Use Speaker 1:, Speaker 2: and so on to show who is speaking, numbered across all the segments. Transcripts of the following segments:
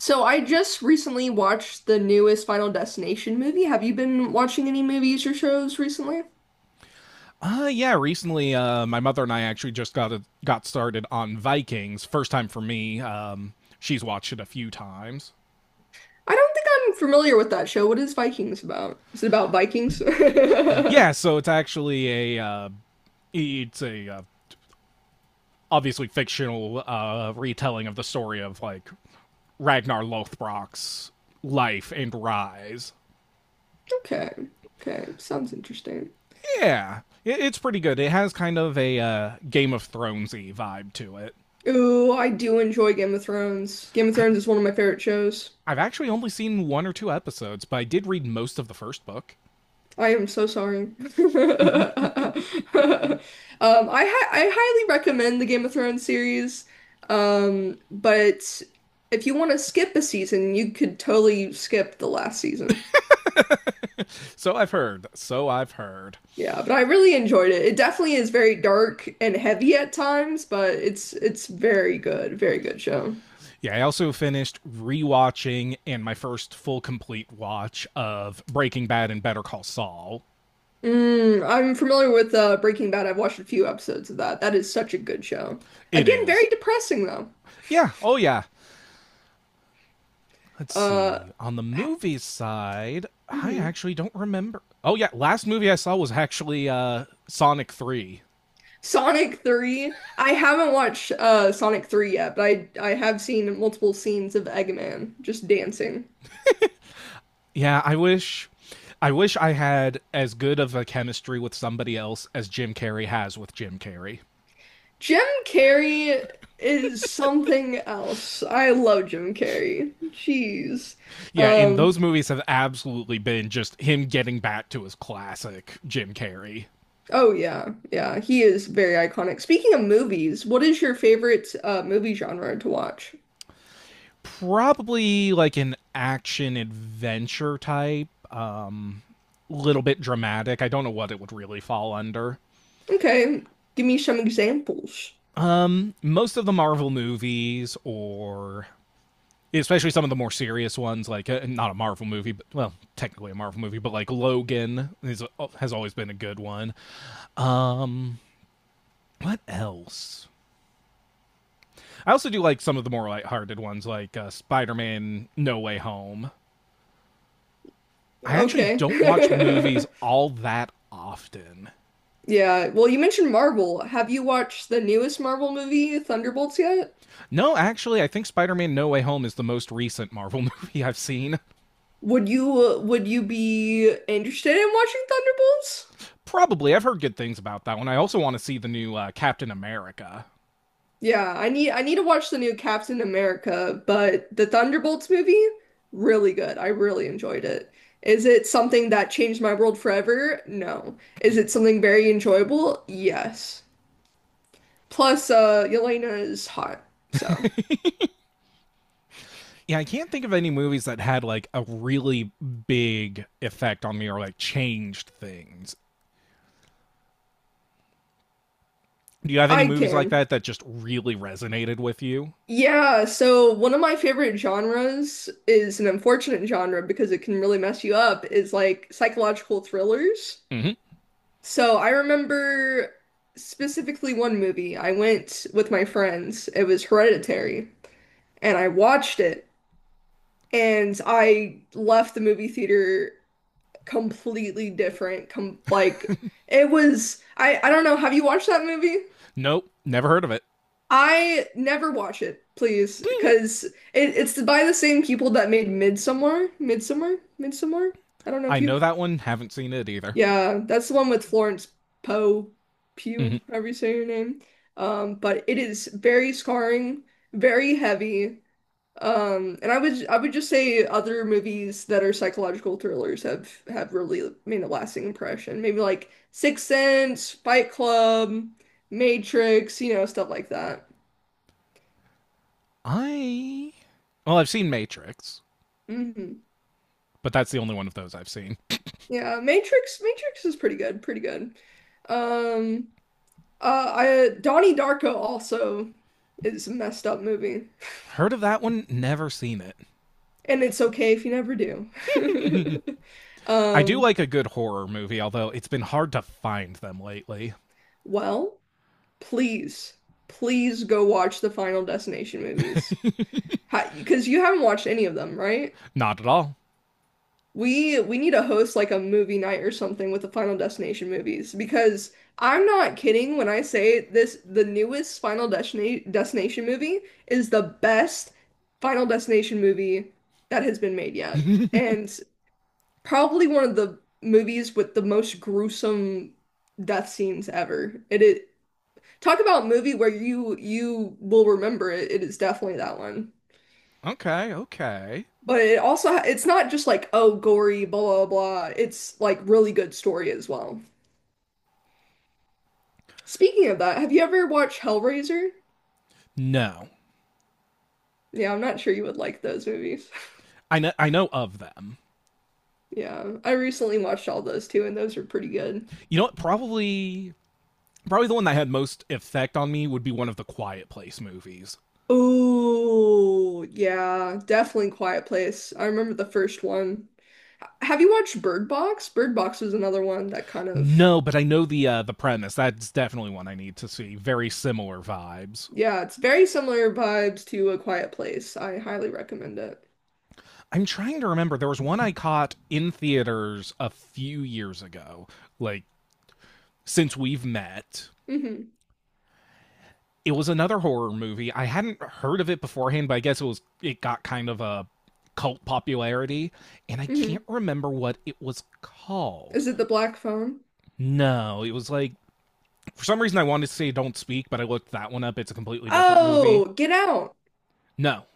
Speaker 1: So I just recently watched the newest Final Destination movie. Have you been watching any movies or shows recently?
Speaker 2: Yeah, recently my mother and I actually just got started on Vikings. First time for me. She's watched it a few times.
Speaker 1: I don't think I'm familiar with that show. What is Vikings about? Is it about Vikings?
Speaker 2: Yeah, so it's actually a it's a obviously fictional retelling of the story of like Ragnar Lothbrok's life and rise.
Speaker 1: Okay. Okay. Sounds interesting.
Speaker 2: Yeah. It's pretty good. It has kind of a Game of Thronesy vibe to it.
Speaker 1: Ooh, I do enjoy Game of Thrones. Game of
Speaker 2: I
Speaker 1: Thrones is one of my favorite shows.
Speaker 2: I've actually only seen one or two episodes, but I did read most of the first book.
Speaker 1: I am so sorry. I highly recommend the Game of Thrones series, but if you want to skip a season, you could totally skip the last season.
Speaker 2: So I've heard. So I've heard.
Speaker 1: Yeah, but I really enjoyed it. It definitely is very dark and heavy at times, but it's very good, very good show.
Speaker 2: Yeah, I also finished rewatching and my first full complete watch of Breaking Bad and Better Call Saul.
Speaker 1: Mm, I'm familiar with Breaking Bad. I've watched a few episodes of that. That is such a good show.
Speaker 2: It
Speaker 1: Again, very
Speaker 2: is.
Speaker 1: depressing though.
Speaker 2: Yeah. Oh yeah. Let's
Speaker 1: Uh,
Speaker 2: see. On the
Speaker 1: ha-
Speaker 2: movie side, I
Speaker 1: mhm.
Speaker 2: actually don't remember. Oh yeah, last movie I saw was actually Sonic 3.
Speaker 1: Sonic 3. I haven't watched Sonic 3 yet, but I have seen multiple scenes of Eggman just dancing.
Speaker 2: Yeah, I wish I had as good of a chemistry with somebody else as Jim Carrey has with Jim Carrey.
Speaker 1: Jim Carrey is something else. I love Jim Carrey. Jeez.
Speaker 2: Yeah, and
Speaker 1: Um
Speaker 2: those movies have absolutely been just him getting back to his classic Jim Carrey.
Speaker 1: oh yeah. Yeah, he is very iconic. Speaking of movies, what is your favorite movie genre to watch?
Speaker 2: Probably like an action adventure type, little bit dramatic. I don't know what it would really fall under.
Speaker 1: Okay, give me some examples.
Speaker 2: Most of the Marvel movies or especially some of the more serious ones like not a Marvel movie, but well, technically a Marvel movie, but like Logan is, has always been a good one. What else? I also do like some of the more lighthearted ones like Spider-Man No Way Home. I actually
Speaker 1: Okay.
Speaker 2: don't watch movies all that often.
Speaker 1: Yeah. Well, you mentioned Marvel. Have you watched the newest Marvel movie, Thunderbolts, yet?
Speaker 2: No, actually, I think Spider Man No Way Home is the most recent Marvel movie I've seen.
Speaker 1: Would you be interested in watching Thunderbolts?
Speaker 2: Probably. I've heard good things about that one. I also want to see the new Captain America.
Speaker 1: Yeah, I need to watch the new Captain America, but the Thunderbolts movie, really good. I really enjoyed it. Is it something that changed my world forever? No. Is it something very enjoyable? Yes. Plus, Yelena is hot, so
Speaker 2: Yeah, I can't think of any movies that had like a really big effect on me or like changed things. Do you have any
Speaker 1: I
Speaker 2: movies like
Speaker 1: can.
Speaker 2: that that just really resonated with you?
Speaker 1: Yeah, so one of my favorite genres is an unfortunate genre because it can really mess you up, is like psychological thrillers.
Speaker 2: Mm-hmm.
Speaker 1: So I remember specifically one movie. I went with my friends. It was Hereditary, and I watched it, and I left the movie theater completely different. Com like it was I don't know, have you watched that movie?
Speaker 2: Nope, never heard of it.
Speaker 1: I never watch it, please, because it's by the same people that made Midsummer. I don't know
Speaker 2: I
Speaker 1: if
Speaker 2: know
Speaker 1: you've.
Speaker 2: that one, haven't seen it either.
Speaker 1: Yeah, that's the one with Florence Poe,
Speaker 2: Mm-hmm.
Speaker 1: Pugh, however you say her name. But it is very scarring, very heavy. And I would just say other movies that are psychological thrillers have really made a lasting impression. Maybe like Sixth Sense, Fight Club, Matrix, you know, stuff like that.
Speaker 2: I. Well, I've seen Matrix,
Speaker 1: Mhm.
Speaker 2: but that's the only one of those I've seen.
Speaker 1: Yeah, Matrix is pretty good, pretty good. Um I Donnie Darko also is a messed up movie.
Speaker 2: Heard of that one? Never seen it.
Speaker 1: And it's okay if you never do.
Speaker 2: I do
Speaker 1: Um
Speaker 2: like a good horror movie, although it's been hard to find them lately.
Speaker 1: well, please, please go watch the Final Destination movies. Because you haven't watched any of them, right?
Speaker 2: Not at all.
Speaker 1: We need to host like a movie night or something with the Final Destination movies because I'm not kidding when I say this, the newest Final Destina Destination movie is the best Final Destination movie that has been made yet. And probably one of the movies with the most gruesome death scenes ever. It is talk about a movie where you will remember it. It is definitely that one.
Speaker 2: okay, okay.
Speaker 1: But it also it's not just like oh gory blah blah blah. It's like really good story as well. Speaking of that, have you ever watched Hellraiser?
Speaker 2: No.
Speaker 1: Yeah, I'm not sure you would like those movies.
Speaker 2: I know of them.
Speaker 1: Yeah, I recently watched all those too, and those are pretty good.
Speaker 2: You know what? Probably the one that had most effect on me would be one of the Quiet Place movies.
Speaker 1: Oh, yeah, definitely Quiet Place. I remember the first one. Have you watched Bird Box? Bird Box was another one that kind of,
Speaker 2: No, but I know the premise. That's definitely one I need to see. Very similar vibes.
Speaker 1: yeah, it's very similar vibes to A Quiet Place. I highly recommend it.
Speaker 2: I'm trying to remember. There was one I caught in theaters a few years ago, like since we've met.
Speaker 1: hmm
Speaker 2: It was another horror movie. I hadn't heard of it beforehand, but I guess it got kind of a cult popularity, and I can't
Speaker 1: hmm
Speaker 2: remember what it was called.
Speaker 1: Is it the black phone?
Speaker 2: No, it was like for some reason I wanted to say Don't Speak, but I looked that one up. It's a completely different movie.
Speaker 1: Oh, Get Out.
Speaker 2: No.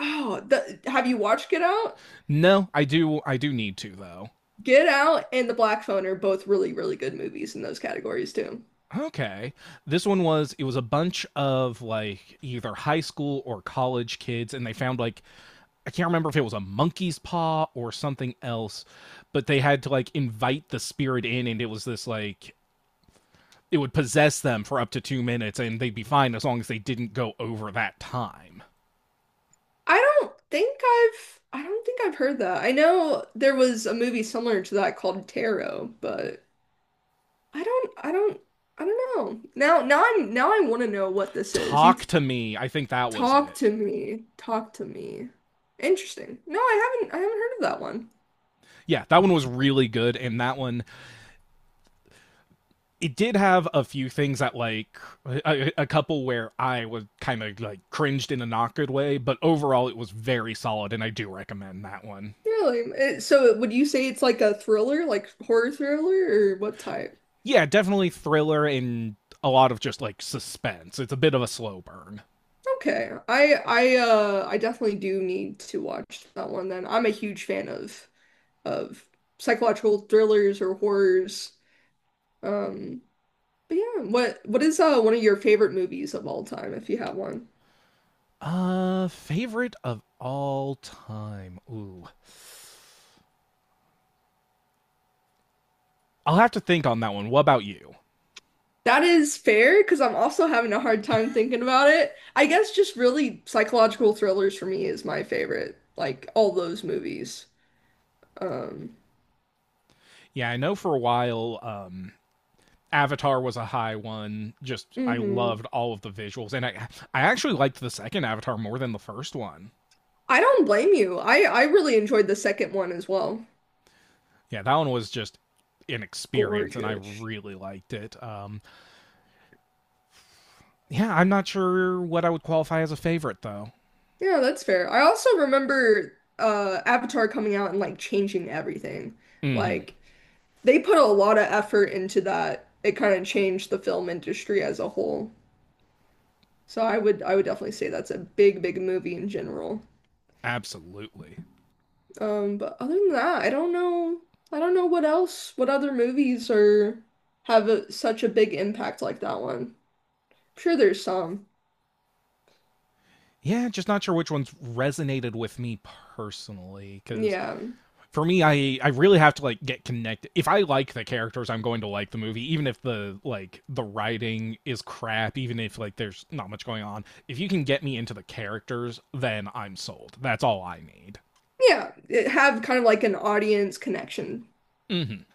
Speaker 1: Oh, have you watched Get Out?
Speaker 2: No, I do need to though.
Speaker 1: Get Out and The Black Phone are both really, really good movies in those categories too.
Speaker 2: Okay. This one was It was a bunch of like either high school or college kids and they found like, I can't remember if it was a monkey's paw or something else, but they had to like invite the spirit in, and it was this like it would possess them for up to 2 minutes and they'd be fine as long as they didn't go over that time.
Speaker 1: I don't think I've heard that. I know there was a movie similar to that called Tarot, but I don't I don't I don't know. Now I want to know what this is.
Speaker 2: Talk to me. I think that was
Speaker 1: Talk
Speaker 2: it.
Speaker 1: to me. Talk to me. Interesting. No, I haven't heard of that one.
Speaker 2: Yeah, that one was really good and that one, it did have a few things that like a couple where I was kind of like cringed in a not good way, but overall it was very solid, and I do recommend that one.
Speaker 1: Really? So would you say it's like a thriller, like horror thriller, or what type?
Speaker 2: Yeah, definitely thriller and a lot of just like suspense. It's a bit of a slow burn.
Speaker 1: Okay. I definitely do need to watch that one then. I'm a huge fan of psychological thrillers or horrors. Um but yeah, what is one of your favorite movies of all time if you have one?
Speaker 2: Favorite of all time. Ooh, I'll have to think on that one. What about you?
Speaker 1: That is fair because I'm also having a hard time thinking about it. I guess just really psychological thrillers for me is my favorite, like all those movies. Um
Speaker 2: Yeah, I know for a while, Avatar was a high one. Just I
Speaker 1: mhm.
Speaker 2: loved all of the visuals, and I actually liked the second Avatar more than the first one.
Speaker 1: I don't blame you. I really enjoyed the second one as well.
Speaker 2: Yeah, that one was just an experience, and I
Speaker 1: Gorgeous.
Speaker 2: really liked it. Yeah, I'm not sure what I would qualify as a favorite though.
Speaker 1: Yeah, that's fair. I also remember Avatar coming out and like changing everything.
Speaker 2: Mm-hmm.
Speaker 1: Like they put a lot of effort into that. It kind of changed the film industry as a whole. So I would definitely say that's a big, big movie in general.
Speaker 2: Absolutely.
Speaker 1: But other than that, I don't know what else, what other movies are have a, such a big impact like that one. I'm sure there's some.
Speaker 2: Yeah, just not sure which ones resonated with me personally because
Speaker 1: Yeah.
Speaker 2: for me I really have to like get connected. If I like the characters, I'm going to like the movie, even if the like the writing is crap, even if like there's not much going on. If you can get me into the characters, then I'm sold. That's all I need.
Speaker 1: Yeah, it- have kind of like an audience connection.
Speaker 2: Mm-hmm.